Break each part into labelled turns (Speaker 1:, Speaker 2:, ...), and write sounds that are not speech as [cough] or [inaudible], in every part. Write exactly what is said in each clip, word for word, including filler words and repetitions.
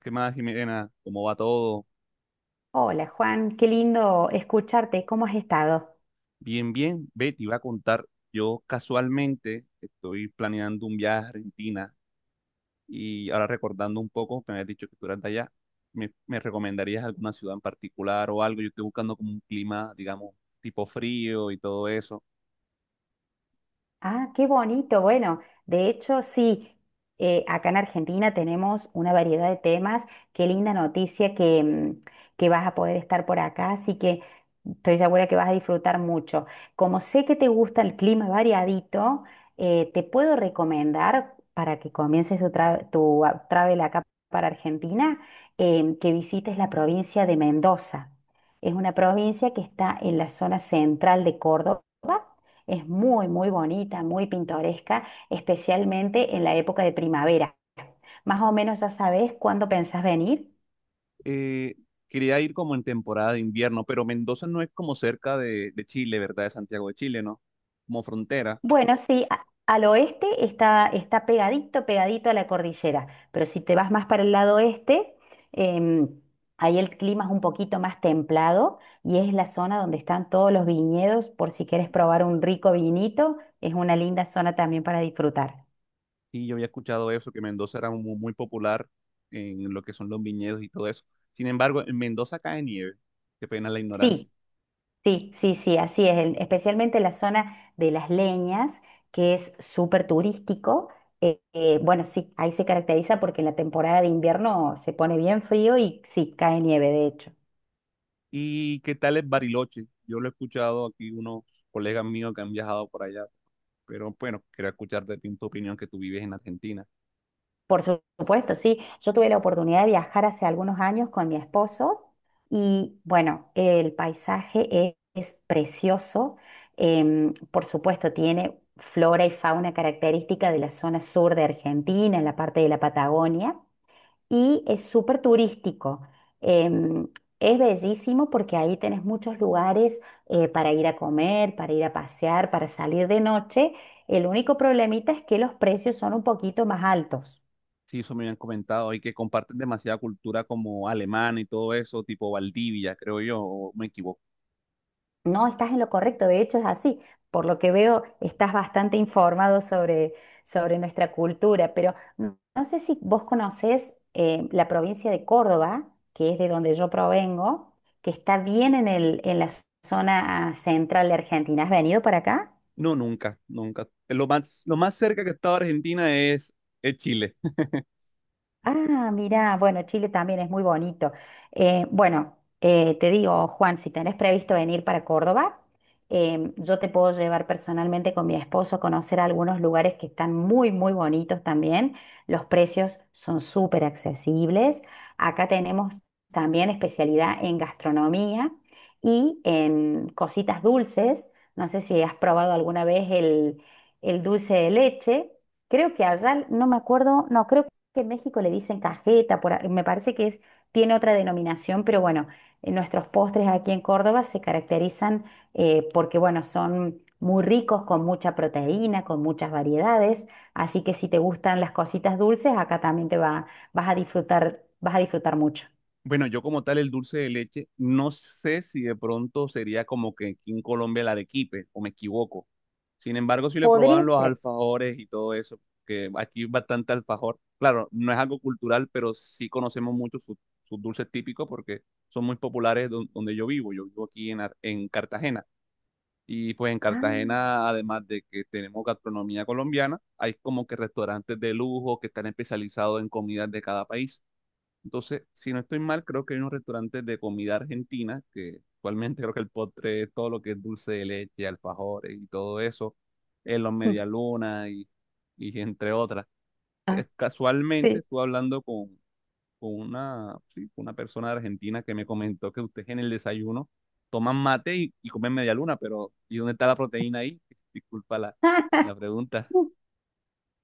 Speaker 1: ¿Qué más, Jimena? ¿Cómo va todo?
Speaker 2: Hola Juan, qué lindo escucharte. ¿Cómo has estado?
Speaker 1: Bien, bien. Ve, te iba a contar. Yo casualmente estoy planeando un viaje a Argentina y ahora recordando un poco, me habías dicho que tú eras de allá. ¿Me, me recomendarías alguna ciudad en particular o algo? Yo estoy buscando como un clima, digamos, tipo frío y todo eso.
Speaker 2: Ah, qué bonito. Bueno, de hecho, sí, eh, acá en Argentina tenemos una variedad de temas. Qué linda noticia que, mm, que vas a poder estar por acá, así que estoy segura que vas a disfrutar mucho. Como sé que te gusta el clima variadito, eh, te puedo recomendar para que comiences tu, tra- tu ah, travel acá para Argentina, em, que visites la provincia de Mendoza. Es una provincia que está en la zona central de Córdoba, es muy, muy bonita, muy pintoresca, especialmente en la época de primavera. Más o menos ya sabes cuándo pensás venir.
Speaker 1: Eh, quería ir como en temporada de invierno, pero Mendoza no es como cerca de, de Chile, ¿verdad? De Santiago de Chile, ¿no? Como frontera.
Speaker 2: Bueno, sí, a- al oeste está, está pegadito, pegadito a la cordillera, pero si te vas más para el lado este, em, ahí el clima es un poquito más templado y es la zona donde están todos los viñedos, por si quieres probar un rico vinito. Es una linda zona también para disfrutar.
Speaker 1: Sí, yo había escuchado eso, que Mendoza era mu- muy, popular en lo que son los viñedos y todo eso. Sin embargo, en Mendoza cae nieve. Qué pena la ignorancia.
Speaker 2: Sí. Sí, sí, sí, así es, en- especialmente la zona de Las Leñas, que es súper turístico. Eh, eh, bueno, sí, ahí se caracteriza porque en la temporada de invierno se pone bien frío y sí, cae nieve, de hecho.
Speaker 1: ¿Y qué tal es Bariloche? Yo lo he escuchado aquí unos colegas míos que han viajado por allá, pero bueno, quería escuchar de ti tu opinión que tú vives en Argentina.
Speaker 2: Por su- supuesto, sí, yo tuve la oportunidad de viajar hace algunos años con mi esposo y bueno, el paisaje es, es precioso. Em, por supuesto, tiene flora y fauna característica de la zona sur de Argentina, en la parte de la Patagonia. Y es súper turístico. Em, es bellísimo porque ahí tenés muchos lugares eh, para ir a comer, para ir a pasear, para salir de noche. El único problemita es que los precios son un poquito más altos.
Speaker 1: Sí, eso me habían comentado y que comparten demasiada cultura como alemana y todo eso, tipo Valdivia, creo yo, o me equivoco.
Speaker 2: No, estás en lo correcto, de hecho es así. Por lo que veo, estás bastante informado sobre, sobre nuestra cultura, pero no no sé si vos conocés eh, la provincia de Córdoba, que es de donde yo provengo, que está bien en el, en la zona central de Argentina. ¿Has venido para acá?
Speaker 1: No, nunca, nunca. Lo más, lo más cerca que he estado a Argentina es, es Chile. [laughs]
Speaker 2: Ah, mira, bueno, Chile también es muy bonito. Eh, bueno, eh, Te digo, Juan, si tenés previsto venir para Córdoba, em, yo te puedo llevar personalmente con mi esposo a conocer algunos lugares que están muy, muy bonitos también. Los precios son súper accesibles. Acá tenemos también especialidad en gastronomía y en cositas dulces. No sé si has probado alguna vez el, el dulce de leche. Creo que allá, no me acuerdo, no, creo que en México le dicen cajeta, por a- me parece que es, tiene otra denominación, pero bueno, eh, nuestros postres aquí en Córdoba se caracterizan eh, porque, bueno, son muy ricos, con mucha proteína, con muchas variedades, así que si te gustan las cositas dulces, acá también te va, vas a disfrutar, vas a disfrutar mucho.
Speaker 1: Bueno, yo como tal el dulce de leche, no sé si de pronto sería como que aquí en Colombia el arequipe, o me equivoco. Sin embargo, sí le
Speaker 2: Podría
Speaker 1: probaban los
Speaker 2: ser.
Speaker 1: alfajores y todo eso, que aquí es bastante alfajor. Claro, no es algo cultural, pero sí conocemos mucho sus sus dulces típicos porque son muy populares don- donde yo vivo. Yo vivo aquí en, Ar- en Cartagena. Y pues en
Speaker 2: Ay,
Speaker 1: Cartagena, además de que tenemos gastronomía colombiana, hay como que restaurantes de lujo que están especializados en comidas de cada país. Entonces, si no estoy mal, creo que hay unos restaurantes de comida argentina, que actualmente creo que el postre, todo lo que es dulce de leche, alfajores y todo eso, en los
Speaker 2: [laughs]
Speaker 1: medialunas y, y entre otras.
Speaker 2: Ah,
Speaker 1: Es- Casualmente
Speaker 2: sí.
Speaker 1: estuve hablando con, con una, sí, con una persona de Argentina que me comentó que ustedes en el desayuno toman mate y, y comen medialuna, pero ¿y dónde está la proteína ahí? [laughs] Disculpa la, la
Speaker 2: [laughs]
Speaker 1: pregunta.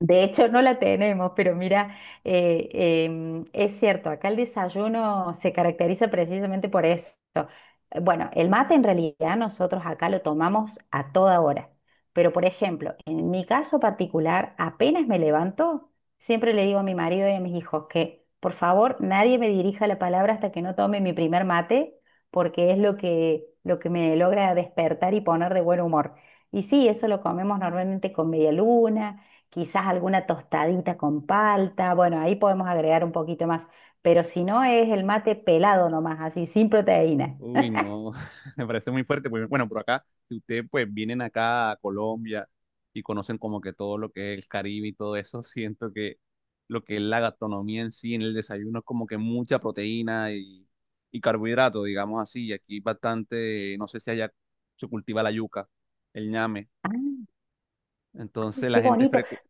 Speaker 2: De hecho, no la tenemos, pero mira, eh, em, es cierto, acá el desayuno se caracteriza precisamente por eso. Eh, Bueno, el mate en realidad nosotros acá lo tomamos a toda hora, pero por ejemplo, en mi caso particular, apenas me levanto, siempre le digo a mi marido y a mis hijos que por favor nadie me dirija la palabra hasta que no tome mi primer mate, porque es lo que, lo que me logra despertar y poner de buen humor. Y sí, eso lo comemos normalmente con media luna, quizás alguna tostadita con palta. Bueno, ahí podemos agregar un poquito más, pero si no, es el mate pelado nomás, así, sin proteína.
Speaker 1: Uy, no, [laughs] me parece muy fuerte. Porque, bueno, por acá, si ustedes pues vienen acá a Colombia y conocen como que todo lo que es el Caribe y todo eso, [laughs] siento que lo que es la gastronomía en sí, en el desayuno, es como que mucha proteína y, y carbohidrato, digamos así. Y aquí bastante, no sé si allá se cultiva la yuca, el ñame.
Speaker 2: Ah,
Speaker 1: Entonces
Speaker 2: qué
Speaker 1: la gente
Speaker 2: bonito.
Speaker 1: frecu-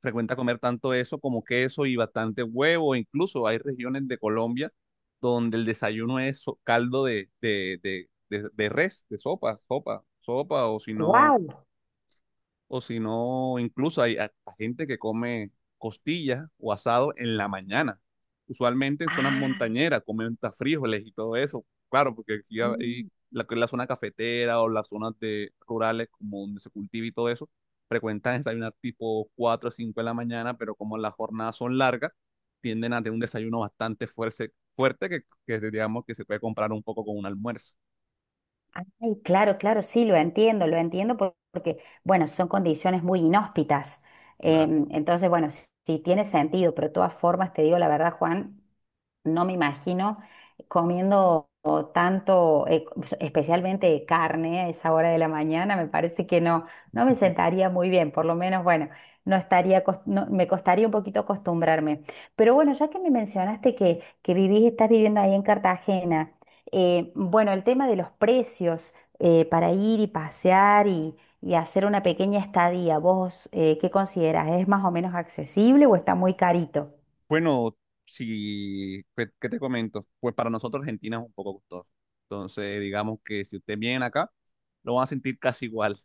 Speaker 1: frecuenta comer tanto eso como queso y bastante huevo. Incluso hay regiones de Colombia donde el desayuno es so- caldo de, de, de, de, de res, de sopa, sopa, sopa o si no
Speaker 2: ¡Wow!
Speaker 1: o si no, incluso hay hasta gente que come costillas o asado en la mañana. Usualmente en zonas
Speaker 2: Ah,
Speaker 1: montañeras comen hasta frijoles y todo eso. Claro, porque aquí hay
Speaker 2: mm.
Speaker 1: la, la zona cafetera o las zonas de, rurales como donde se cultiva y todo eso, frecuentan desayunar tipo cuatro o cinco de la mañana, pero como las jornadas son largas, tienden a tener un desayuno bastante fuerte, fuerte que, que digamos que se puede comprar un poco con un almuerzo.
Speaker 2: Ay, claro, claro, sí, lo entiendo, lo entiendo por- porque, bueno, son condiciones muy inhóspitas.
Speaker 1: Claro.
Speaker 2: Em, entonces, bueno, sí, sí tiene sentido, pero de todas formas, te digo la verdad, Juan, no me imagino comiendo o tanto, eh, c- especialmente carne a esa hora de la mañana. Me parece que no, no me sentaría muy bien. Por lo menos, bueno, no estaría, cos- no- me costaría un poquito acostumbrarme. Pero bueno, ya que me mencionaste que, que vivís, estás viviendo ahí en Cartagena. Eh, bueno, el tema de los precios, eh, para ir y pasear y, y hacer una pequeña estadía, ¿vos eh, qué considerás? ¿Es más o menos accesible o está muy carito?
Speaker 1: Bueno, si, pues, ¿qué te comento? Pues para nosotros Argentina es un poco costoso. Entonces, digamos que si ustedes vienen acá, lo van a sentir casi igual.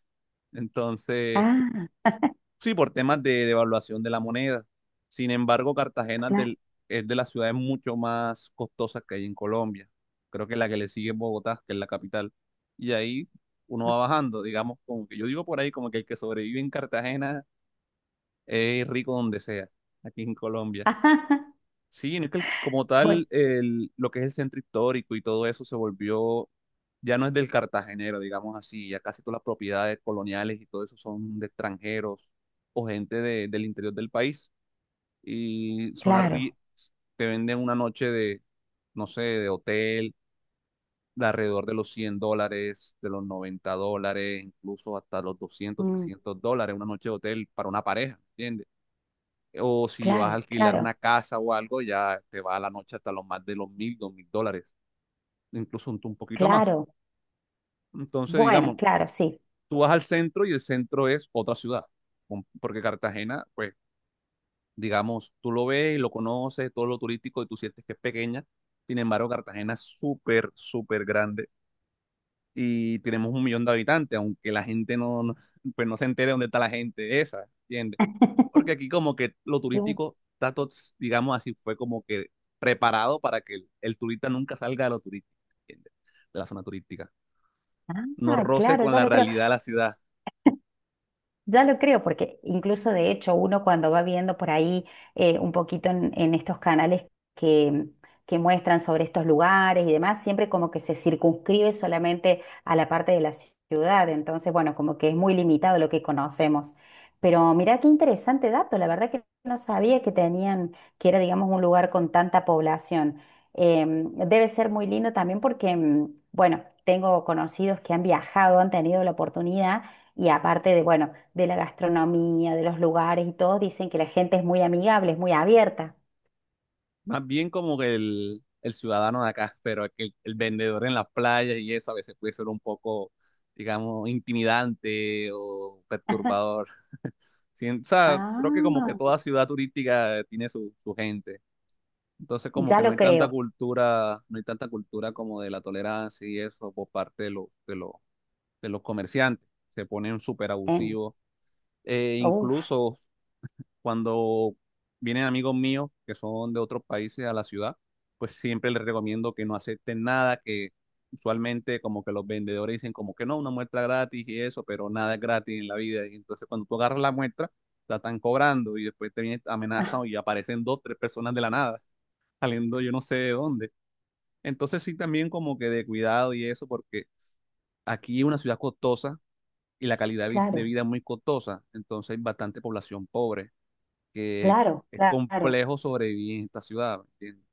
Speaker 1: Entonces,
Speaker 2: Ah,
Speaker 1: sí, por temas de devaluación de la moneda. Sin embargo, Cartagena es
Speaker 2: claro.
Speaker 1: del- es de las ciudades mucho más costosas que hay en Colombia. Creo que la que le sigue es Bogotá, que es la capital. Y ahí uno va
Speaker 2: [laughs]
Speaker 1: bajando, digamos, como que yo digo por ahí, como que el que sobrevive en Cartagena es rico donde sea, aquí en Colombia.
Speaker 2: Ajá.
Speaker 1: Sí, no es que el- como
Speaker 2: Bueno,
Speaker 1: tal, el- lo que es el centro histórico y todo eso se volvió, ya no es del cartagenero, digamos así, ya casi todas las propiedades coloniales y todo eso son de extranjeros o gente de- del interior del país. Y son
Speaker 2: claro,
Speaker 1: arri te venden una noche de, no sé, de hotel, de alrededor de los cien dólares, de los noventa dólares, incluso hasta los doscientos,
Speaker 2: mm,
Speaker 1: trescientos dólares, una noche de hotel para una pareja, ¿entiendes? O si vas a
Speaker 2: claro,
Speaker 1: alquilar
Speaker 2: claro,
Speaker 1: una casa o algo, ya te va a la noche hasta los más de los mil, dos mil dólares, incluso un, un poquito más.
Speaker 2: claro.
Speaker 1: Entonces,
Speaker 2: Bueno,
Speaker 1: digamos,
Speaker 2: claro, sí.
Speaker 1: tú vas al centro y el centro es otra ciudad, con- porque Cartagena, pues, digamos, tú lo ves y lo conoces, todo lo turístico y tú sientes que es pequeña. Sin embargo, Cartagena es súper, súper grande y tenemos un millón de habitantes, aunque la gente no, no- pues no se entere de dónde está la gente esa, ¿entiendes? Porque aquí como que lo
Speaker 2: Cl-
Speaker 1: turístico está todo, digamos así, fue como que preparado para que el, el turista nunca salga de lo turístico, ¿entiendes? De la zona turística. No
Speaker 2: Ah,
Speaker 1: roce
Speaker 2: claro,
Speaker 1: con
Speaker 2: ya
Speaker 1: la
Speaker 2: lo creo.
Speaker 1: realidad de la ciudad.
Speaker 2: Ya lo creo, porque incluso de hecho uno cuando va viendo por ahí eh, un poquito en, en estos canales que, que muestran sobre estos lugares y demás, siempre como que se circunscribe solamente a la parte de la ci- ciudad. Entonces bueno, como que es muy limitado lo que conocemos. Pero mirá qué interesante dato, la verdad que no sabía que tenían, que era digamos un lugar con tanta población. Em, debe ser muy lindo también porque, mm, bueno, tengo conocidos que han viajado, han tenido la oportunidad y aparte de, bueno, de la gastronomía, de los lugares y todo, dicen que la gente es muy amigable, es muy abierta.
Speaker 1: Más bien como que el, el ciudadano de acá, pero es que el, el vendedor en las playas y eso a veces puede ser un poco, digamos, intimidante o perturbador. Sí, o sea, creo que como que
Speaker 2: Ah,
Speaker 1: toda ciudad turística tiene su, su gente. Entonces, como que
Speaker 2: ya
Speaker 1: no
Speaker 2: lo
Speaker 1: hay tanta
Speaker 2: creo.
Speaker 1: cultura, no hay tanta cultura como de la tolerancia y eso por parte de, los de, los de los comerciantes. Se ponen súper
Speaker 2: En,
Speaker 1: abusivos. Eh,
Speaker 2: uf,
Speaker 1: incluso cuando vienen amigos míos que son de otros países a la ciudad, pues siempre les recomiendo que no acepten nada, que usualmente como que los vendedores dicen como que no, una muestra gratis y eso, pero nada es gratis en la vida. Y entonces cuando tú agarras la muestra, la están cobrando y después te vienen
Speaker 2: [laughs] ah,
Speaker 1: amenazan y aparecen dos, tres personas de la nada, [laughs] saliendo yo no sé de dónde. Entonces sí, también como que de cuidado y eso, porque aquí es una ciudad costosa y la calidad vi- de
Speaker 2: claro,
Speaker 1: vida es muy costosa, entonces hay bastante población pobre, que
Speaker 2: claro,
Speaker 1: es
Speaker 2: claro.
Speaker 1: complejo sobrevivir en esta ciudad, ¿me entiendes?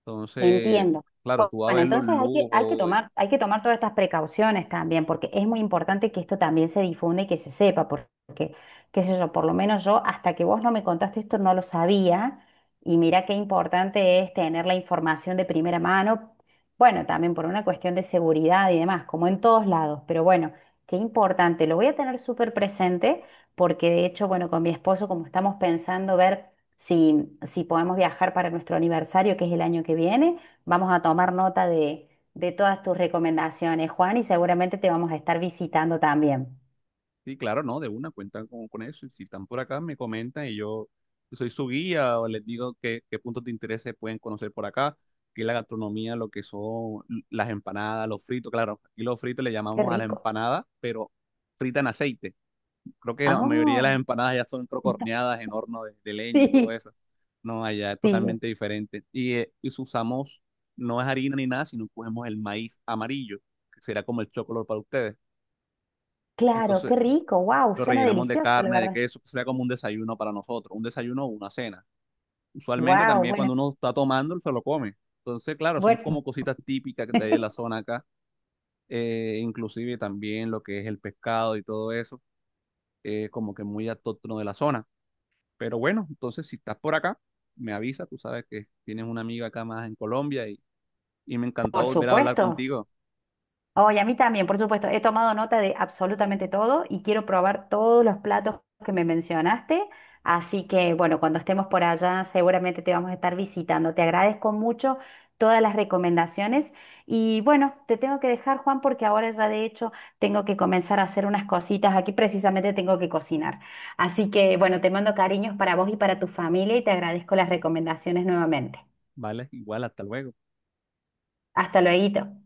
Speaker 1: Entonces,
Speaker 2: Entiendo.
Speaker 1: claro,
Speaker 2: Bu-
Speaker 1: tú vas a
Speaker 2: Bueno,
Speaker 1: ver los
Speaker 2: entonces hay que, hay que
Speaker 1: lujos.
Speaker 2: tomar, hay que tomar todas estas precauciones también, porque es muy importante que esto también se difunda y que se sepa, porque, qué sé yo, por lo menos yo, hasta que vos no me contaste esto, no lo sabía. Y mira qué importante es tener la información de primera mano. Bueno, también por una cuestión de seguridad y demás, como en todos lados, pero bueno, qué importante. Lo voy a tener súper presente, porque de hecho, bueno, con mi esposo, como estamos pensando ver. Si, si podemos viajar para nuestro aniversario, que es el año que viene, vamos a tomar nota de, de todas tus recomendaciones, Juan, y seguramente te vamos a estar visitando también.
Speaker 1: Sí, claro, no, de una, cuentan con, con eso. Y si están por acá, me comentan y yo soy su guía o les digo qué, qué puntos de interés se pueden conocer por acá, que es la gastronomía, lo que son l- las empanadas, los fritos. Claro, aquí los fritos le
Speaker 2: Qué
Speaker 1: llamamos a la
Speaker 2: rico.
Speaker 1: empanada, pero frita en aceite. Creo que la mayoría de las
Speaker 2: Ah,
Speaker 1: empanadas ya son creo que horneadas en horno de, de leña y todo
Speaker 2: [laughs] sí,
Speaker 1: eso. No, allá es
Speaker 2: sí,
Speaker 1: totalmente diferente. Y, eh, y si usamos, no es harina ni nada, sino cogemos el maíz amarillo, que será como el chocolate para ustedes.
Speaker 2: claro,
Speaker 1: Entonces,
Speaker 2: qué rico. Wow,
Speaker 1: lo
Speaker 2: suena
Speaker 1: rellenamos de
Speaker 2: delicioso, la
Speaker 1: carne, de
Speaker 2: verdad.
Speaker 1: queso, que sería como un desayuno para nosotros, un desayuno o una cena. Usualmente
Speaker 2: Wow,
Speaker 1: también
Speaker 2: bueno,
Speaker 1: cuando uno está tomando, se lo come. Entonces, claro, son como
Speaker 2: bueno,
Speaker 1: cositas típicas de ahí de la
Speaker 2: [laughs]
Speaker 1: zona acá, eh, inclusive también lo que es el pescado y todo eso, eh, como que muy autóctono de la zona. Pero bueno, entonces si estás por acá, me avisa, tú sabes que tienes una amiga acá más en Colombia y, y me encantó
Speaker 2: por
Speaker 1: volver a hablar
Speaker 2: supuesto.
Speaker 1: contigo,
Speaker 2: Oye, a mí también, por supuesto. He tomado nota de absolutamente todo y quiero probar todos los platos que me mencionaste. Así que, bueno, cuando estemos por allá, seguramente te vamos a estar visitando. Te agradezco mucho todas las recomendaciones. Y bueno, te tengo que dejar, Juan, porque ahora ya de hecho tengo que comenzar a hacer unas cositas. Aquí precisamente tengo que cocinar. Así que, bueno, te mando cariños para vos y para tu familia y te agradezco las recomendaciones nuevamente.
Speaker 1: ¿vale? Igual, hasta luego.
Speaker 2: Hasta luego.